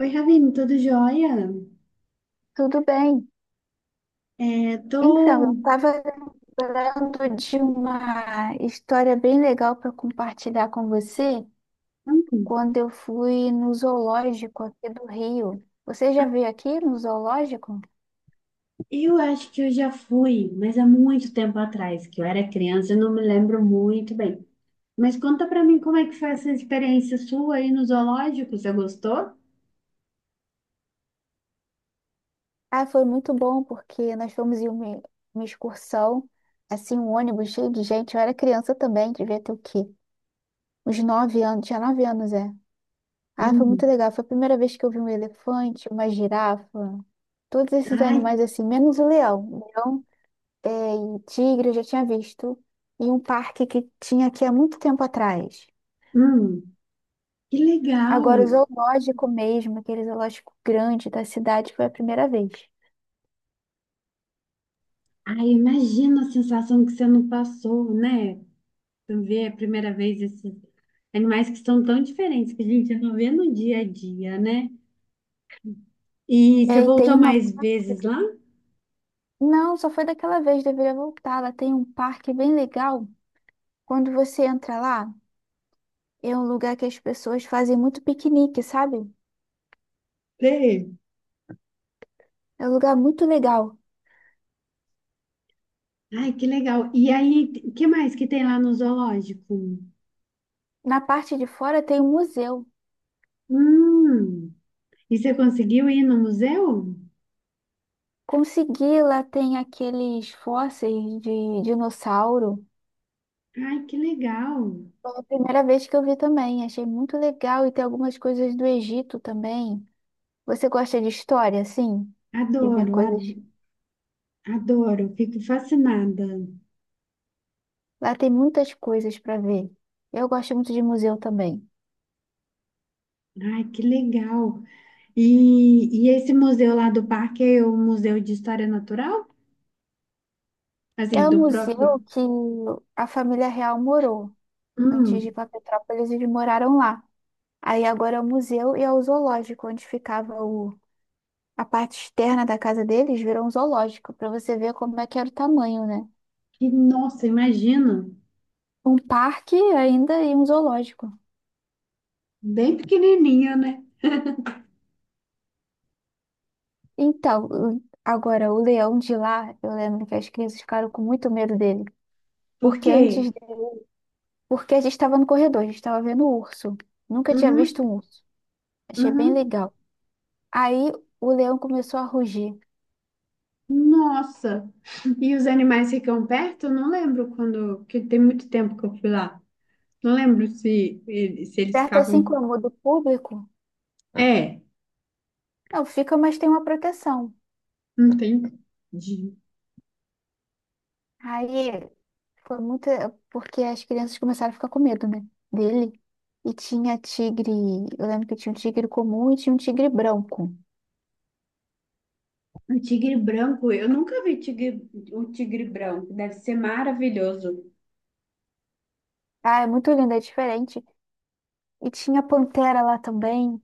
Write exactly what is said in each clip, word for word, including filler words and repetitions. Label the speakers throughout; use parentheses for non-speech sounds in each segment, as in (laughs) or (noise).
Speaker 1: Oi, Ravine, tudo jóia?
Speaker 2: Tudo bem.
Speaker 1: É,
Speaker 2: Então, eu
Speaker 1: tô...
Speaker 2: estava lembrando de uma história bem legal para compartilhar com você
Speaker 1: hum,
Speaker 2: quando eu fui no zoológico aqui do Rio. Você já veio aqui no zoológico?
Speaker 1: Eu acho que eu já fui, mas há muito tempo atrás, que eu era criança, eu não me lembro muito bem. Mas conta pra mim como é que foi essa experiência sua aí no zoológico, você gostou?
Speaker 2: Ah, foi muito bom porque nós fomos em uma, uma excursão, assim, um ônibus cheio de gente. Eu era criança também, devia ter o quê? Uns nove anos, tinha nove anos, é. Ah, foi muito
Speaker 1: Hum.
Speaker 2: legal. Foi a primeira vez que eu vi um elefante, uma girafa, todos esses
Speaker 1: Ai.
Speaker 2: animais assim, menos o leão, é, e tigre eu já tinha visto em um parque que tinha aqui há muito tempo atrás.
Speaker 1: Hum, que
Speaker 2: Agora, o
Speaker 1: legal!
Speaker 2: zoológico mesmo, aquele zoológico grande da cidade, foi a primeira vez.
Speaker 1: Ai, imagina a sensação que você não passou, né? Você ver a primeira vez esses animais que são tão diferentes que a gente não vê no dia a dia, né? E
Speaker 2: E
Speaker 1: você
Speaker 2: aí
Speaker 1: voltou
Speaker 2: tem uma
Speaker 1: mais
Speaker 2: parte.
Speaker 1: vezes lá?
Speaker 2: Não, só foi daquela vez, deveria voltar. Lá tem um parque bem legal. Quando você entra lá, é um lugar que as pessoas fazem muito piquenique, sabe?
Speaker 1: Sim.
Speaker 2: É um lugar muito legal.
Speaker 1: Ai, que legal. E aí, o que mais que tem lá no zoológico?
Speaker 2: Na parte de fora tem um museu.
Speaker 1: Hum, e você conseguiu ir no museu?
Speaker 2: Consegui, lá tem aqueles fósseis de dinossauro.
Speaker 1: Ai, que legal.
Speaker 2: Foi a primeira vez que eu vi também, achei muito legal e tem algumas coisas do Egito também. Você gosta de história, assim? De ver
Speaker 1: Adoro, ad-
Speaker 2: coisas?
Speaker 1: adoro, fico fascinada.
Speaker 2: Lá tem muitas coisas para ver. Eu gosto muito de museu também.
Speaker 1: Ai, que legal. E, e esse museu lá do parque é o Museu de História Natural? Assim,
Speaker 2: É um
Speaker 1: do próprio.
Speaker 2: museu que a família real morou. Antes de ir
Speaker 1: Hum,
Speaker 2: para Petrópolis, eles moraram lá. Aí agora é o museu e é o zoológico, onde ficava o... a parte externa da casa deles, virou um zoológico, para você ver como é que era o tamanho, né?
Speaker 1: que nossa, imagino.
Speaker 2: Um parque ainda e um zoológico.
Speaker 1: Bem pequenininho, né?
Speaker 2: Então, o- agora, o leão de lá, eu lembro que as crianças ficaram com muito medo dele.
Speaker 1: Por
Speaker 2: Porque
Speaker 1: quê?
Speaker 2: antes, de- porque a gente estava no corredor, a gente estava vendo o urso. Nunca tinha visto
Speaker 1: Uhum,
Speaker 2: um urso. Achei bem
Speaker 1: uhum.
Speaker 2: legal. Aí o leão começou a rugir.
Speaker 1: Nossa. E os animais ficam perto? Eu não lembro quando, porque tem muito tempo que eu fui lá. Não lembro se, ele- se eles
Speaker 2: Perto assim
Speaker 1: ficavam.
Speaker 2: como o do público,
Speaker 1: É,
Speaker 2: não fica, mas tem uma proteção.
Speaker 1: não tem. de-
Speaker 2: Aí foi muito. Porque as crianças começaram a ficar com medo, né? Dele. E tinha tigre. Eu lembro que tinha um tigre comum e tinha um tigre branco.
Speaker 1: O tigre branco, eu nunca vi tigre, o tigre branco, deve ser maravilhoso.
Speaker 2: Ah, é muito lindo, é diferente. E tinha pantera lá também.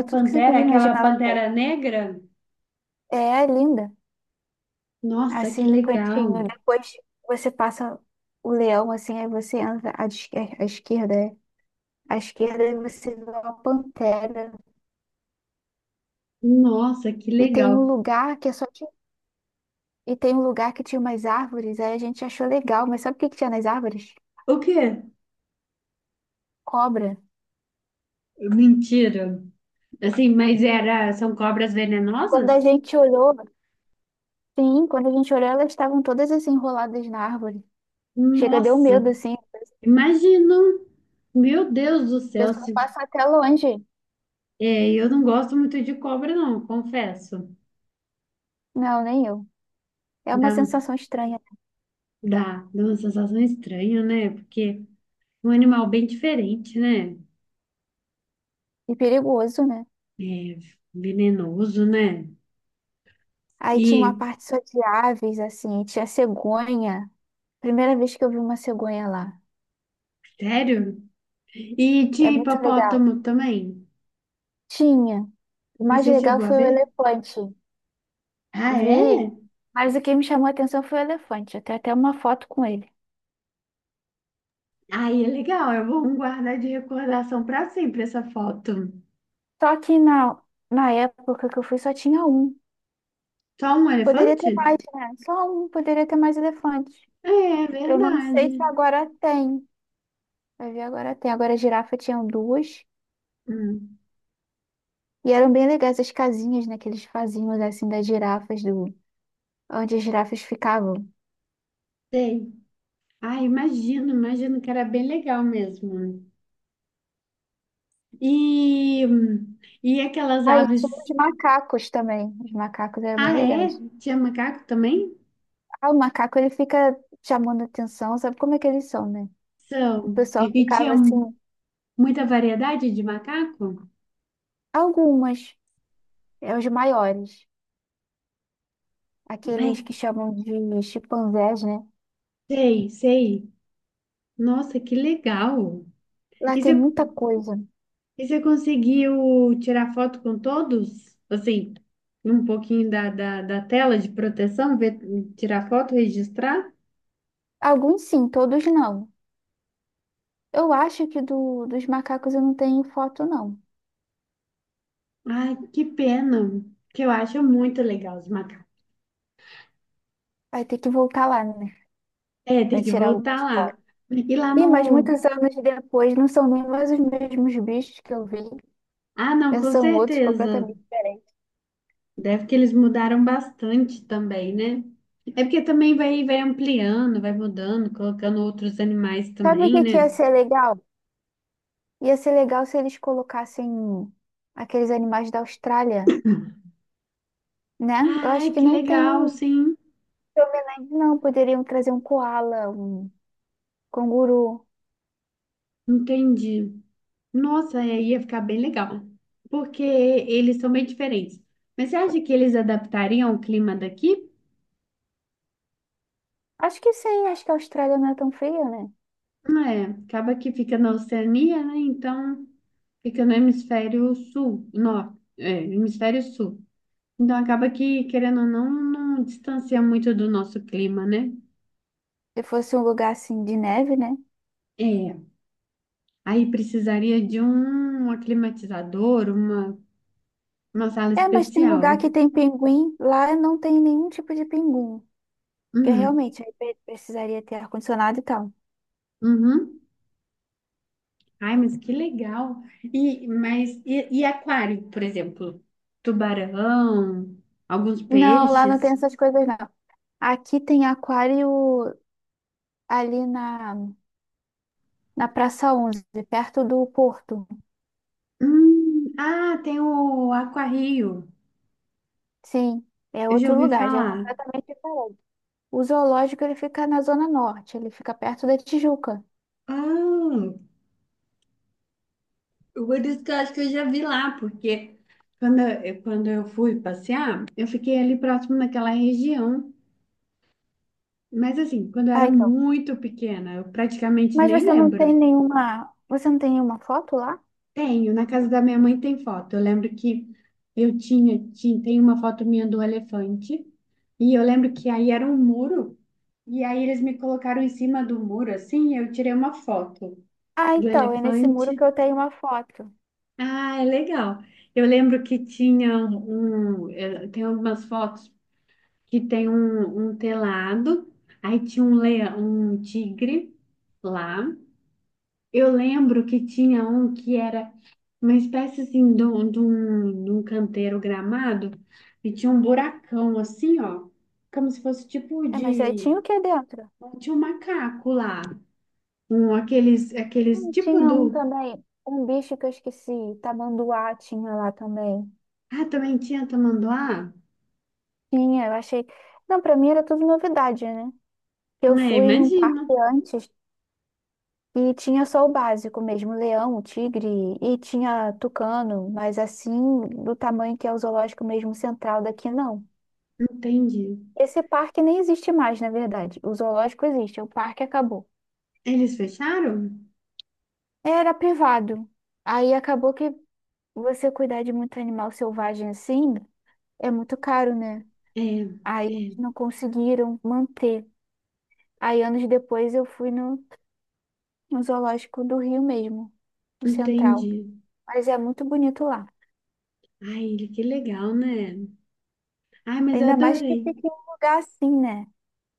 Speaker 1: A
Speaker 2: tudo que você
Speaker 1: pantera,
Speaker 2: podia
Speaker 1: aquela
Speaker 2: imaginar lá também.
Speaker 1: pantera negra?
Speaker 2: É, é linda.
Speaker 1: Nossa,
Speaker 2: Assim
Speaker 1: que
Speaker 2: no
Speaker 1: legal!
Speaker 2: cantinho. Depois você passa o leão, assim, aí você entra à esquer- à esquerda. É. À esquerda aí você vê uma pantera.
Speaker 1: Nossa, que
Speaker 2: E tem um
Speaker 1: legal!
Speaker 2: lugar que é só de... E tem um lugar que tinha umas árvores. Aí a gente achou legal. Mas sabe o que que tinha nas árvores?
Speaker 1: O quê?
Speaker 2: Cobra.
Speaker 1: Mentira! Assim, mas era, são cobras
Speaker 2: Quando a
Speaker 1: venenosas?
Speaker 2: gente olhou, sim, quando a gente olhou, elas estavam todas assim enroladas na árvore. Chega, deu
Speaker 1: Nossa,
Speaker 2: medo, assim. O
Speaker 1: imagina! Meu Deus do céu,
Speaker 2: pessoal
Speaker 1: se
Speaker 2: passa até longe.
Speaker 1: É, eu não gosto muito de cobra, não, confesso.
Speaker 2: Não, nem eu. É uma
Speaker 1: Dá,
Speaker 2: sensação estranha
Speaker 1: dá, dá uma sensação estranha, né? Porque é um animal bem diferente, né?
Speaker 2: e perigoso, né?
Speaker 1: É venenoso, né?
Speaker 2: Aí tinha uma
Speaker 1: E,
Speaker 2: parte só de aves, assim, tinha cegonha. Primeira vez que eu vi uma cegonha lá.
Speaker 1: sério? E
Speaker 2: É
Speaker 1: tinha
Speaker 2: muito legal.
Speaker 1: hipopótamo também.
Speaker 2: Tinha. O
Speaker 1: E
Speaker 2: mais
Speaker 1: você
Speaker 2: legal
Speaker 1: chegou a
Speaker 2: foi o
Speaker 1: ver?
Speaker 2: elefante.
Speaker 1: Ah,
Speaker 2: Vi,
Speaker 1: é?
Speaker 2: mas o que me chamou a atenção foi o elefante. Eu tenho até uma foto com ele.
Speaker 1: Aí é legal, eu vou guardar de recordação para sempre essa foto.
Speaker 2: Só que na, na época que eu fui só tinha um.
Speaker 1: Só um
Speaker 2: Poderia ter
Speaker 1: elefante?
Speaker 2: mais, né? Só um, poderia ter mais elefantes.
Speaker 1: É, é
Speaker 2: Eu não
Speaker 1: verdade.
Speaker 2: sei se agora tem. Vai ver, agora tem. Agora a girafa tinha duas.
Speaker 1: Hum,
Speaker 2: E eram bem legais as casinhas, né, que eles faziam, assim, das girafas, do... onde as girafas ficavam.
Speaker 1: sei. Ah, imagino, imagino que era bem legal mesmo. E, e aquelas
Speaker 2: Ah, e tinha
Speaker 1: aves.
Speaker 2: os macacos também. Os macacos eram
Speaker 1: Ah,
Speaker 2: bem
Speaker 1: é?
Speaker 2: legais.
Speaker 1: Tinha macaco também?
Speaker 2: Ah, o macaco, ele fica chamando atenção, sabe como é que eles são, né? O
Speaker 1: São.
Speaker 2: pessoal
Speaker 1: E
Speaker 2: ficava
Speaker 1: tinha
Speaker 2: assim,
Speaker 1: muita variedade de macaco?
Speaker 2: algumas, é os maiores,
Speaker 1: Ai,
Speaker 2: aqueles que chamam de chimpanzés, né?
Speaker 1: sei, sei. Nossa, que legal.
Speaker 2: Lá
Speaker 1: E
Speaker 2: tem
Speaker 1: você,
Speaker 2: muita coisa.
Speaker 1: e você conseguiu tirar foto com todos? Assim, um pouquinho da, da, da tela de proteção, ver, tirar foto, registrar?
Speaker 2: Alguns sim, todos não. Eu acho que do, dos macacos eu não tenho foto, não.
Speaker 1: Ai, que pena. Que eu acho muito legal os macacos.
Speaker 2: Vai ter que voltar lá, né?
Speaker 1: É,
Speaker 2: Pra
Speaker 1: tem que
Speaker 2: tirar
Speaker 1: voltar
Speaker 2: algumas
Speaker 1: lá.
Speaker 2: fotos.
Speaker 1: E lá
Speaker 2: Ih, mas
Speaker 1: no,
Speaker 2: muitos anos depois não são nem mais os mesmos bichos que eu vi.
Speaker 1: Ah, não,
Speaker 2: Já
Speaker 1: com
Speaker 2: são outros
Speaker 1: certeza.
Speaker 2: completamente diferentes.
Speaker 1: Deve que eles mudaram bastante também, né? É porque também vai, vai ampliando, vai mudando, colocando outros animais
Speaker 2: Sabe o
Speaker 1: também,
Speaker 2: que que ia
Speaker 1: né?
Speaker 2: ser legal? Ia ser legal se eles colocassem aqueles animais da Austrália, né? Eu
Speaker 1: Ai,
Speaker 2: acho que
Speaker 1: que
Speaker 2: não tem
Speaker 1: legal,
Speaker 2: nenhum
Speaker 1: sim.
Speaker 2: que eu me lembre, não. Poderiam trazer um koala, um canguru.
Speaker 1: Entendi. Nossa, é, ia ficar bem legal. Porque eles são bem diferentes. Mas você acha que eles adaptariam o clima daqui?
Speaker 2: Acho que sim, acho que a Austrália não é tão fria, né?
Speaker 1: Não é. Acaba que fica na Oceania, né? Então fica no hemisfério sul. Não, é, hemisfério sul. Então acaba que, querendo ou não, não distancia muito do nosso clima, né?
Speaker 2: Se fosse um lugar assim de neve, né?
Speaker 1: É. Aí precisaria de um aclimatizador, uma, uma sala
Speaker 2: É, mas tem
Speaker 1: especial.
Speaker 2: lugar que tem pinguim, lá não tem nenhum tipo de pinguim. Porque
Speaker 1: Hum,
Speaker 2: realmente aí pre- precisaria ter ar-condicionado e tal.
Speaker 1: uhum. Ai, mas que legal. E, mas, e, e aquário, por exemplo? Tubarão, alguns
Speaker 2: Não, lá não tem
Speaker 1: peixes.
Speaker 2: essas coisas, não. Aqui tem aquário ali na, na Praça onze, perto do Porto.
Speaker 1: Hum, ah, tem o aquarrio.
Speaker 2: Sim, é
Speaker 1: Eu já
Speaker 2: outro
Speaker 1: ouvi
Speaker 2: lugar, já é
Speaker 1: falar.
Speaker 2: completamente diferente. O zoológico ele fica na Zona Norte, ele fica perto da Tijuca.
Speaker 1: Ah, por isso que eu acho que eu já vi lá, porque quando eu, quando eu fui passear, eu fiquei ali próximo naquela região. Mas assim, quando eu
Speaker 2: Ah,
Speaker 1: era
Speaker 2: então.
Speaker 1: muito pequena, eu praticamente
Speaker 2: Mas
Speaker 1: nem
Speaker 2: você não tem
Speaker 1: lembro.
Speaker 2: nenhuma, você não tem nenhuma foto lá?
Speaker 1: Tenho, na casa da minha mãe tem foto. Eu lembro que eu tinha, tinha, tem uma foto minha do elefante, e eu lembro que aí era um muro, e aí eles me colocaram em cima do muro, assim, e eu tirei uma foto
Speaker 2: Ah,
Speaker 1: do
Speaker 2: então, é nesse muro que
Speaker 1: elefante.
Speaker 2: eu tenho uma foto.
Speaker 1: Ah, é legal. Eu lembro que tinha um, eh, tem algumas fotos que tem um, um telado, aí tinha um leão, um tigre lá. Eu lembro que tinha um que era uma espécie assim de um, de um, de um canteiro gramado e tinha um buracão assim, ó, como se fosse tipo
Speaker 2: É, mas aí
Speaker 1: de,
Speaker 2: tinha o que dentro?
Speaker 1: tinha um macaco lá, um aqueles aqueles
Speaker 2: Hum,
Speaker 1: tipo
Speaker 2: tinha um
Speaker 1: do,
Speaker 2: também, um bicho que eu esqueci, tamanduá tinha lá também.
Speaker 1: ah, também tinha tamanduá?
Speaker 2: Tinha, eu achei. Não, pra mim era tudo novidade, né? Eu
Speaker 1: É,
Speaker 2: fui em um
Speaker 1: imagina.
Speaker 2: parque antes e tinha só o básico mesmo, leão, tigre e tinha tucano, mas assim, do tamanho que é o zoológico mesmo central daqui, não.
Speaker 1: Entendi.
Speaker 2: Esse parque nem existe mais, na verdade. O zoológico existe, o parque acabou.
Speaker 1: Eles fecharam?
Speaker 2: Era privado. Aí acabou que você cuidar de muito animal selvagem assim é muito caro, né?
Speaker 1: É,
Speaker 2: Aí
Speaker 1: é,
Speaker 2: não conseguiram manter. Aí anos depois eu fui no no zoológico do Rio mesmo, do Central.
Speaker 1: entendi.
Speaker 2: Mas é muito bonito lá.
Speaker 1: Ai, que legal, né? Ai, mas eu
Speaker 2: Ainda mais que
Speaker 1: adorei.
Speaker 2: fica em um lugar assim, né?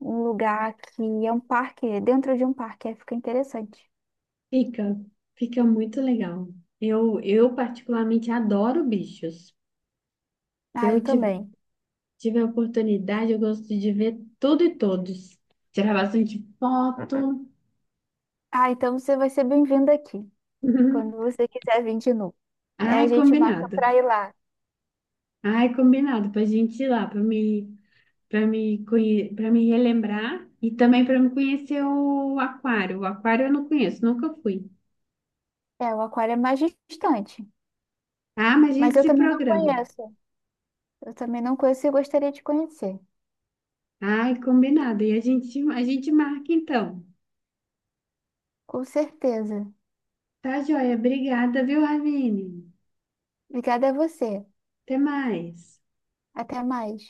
Speaker 2: Um lugar que é um parque, é dentro de um parque, aí fica interessante.
Speaker 1: Fica, fica muito legal. Eu, eu particularmente adoro bichos. Se
Speaker 2: Ah,
Speaker 1: eu
Speaker 2: eu
Speaker 1: ti-
Speaker 2: também.
Speaker 1: tiver oportunidade, eu gosto de ver tudo e todos. Tirar bastante foto. (laughs)
Speaker 2: Ah, então você vai ser bem-vindo aqui,
Speaker 1: Uhum.
Speaker 2: quando você quiser vir de novo. É,
Speaker 1: Ai,
Speaker 2: a gente marca
Speaker 1: combinado.
Speaker 2: pra ir lá.
Speaker 1: Ai, combinado pra gente ir lá, pra me, para me, conhe- pra me relembrar e também para me conhecer o aquário. O aquário eu não conheço, nunca fui.
Speaker 2: É, o aquário é mais distante,
Speaker 1: Ah, mas a
Speaker 2: mas
Speaker 1: gente
Speaker 2: eu
Speaker 1: se
Speaker 2: também não
Speaker 1: programa.
Speaker 2: conheço. Eu também não conheço e gostaria de conhecer.
Speaker 1: Ai, combinado. E a gente, a gente marca então.
Speaker 2: Com certeza.
Speaker 1: Tá, joia? Obrigada, viu, Ravine?
Speaker 2: Obrigada a você.
Speaker 1: Até mais.
Speaker 2: Até mais.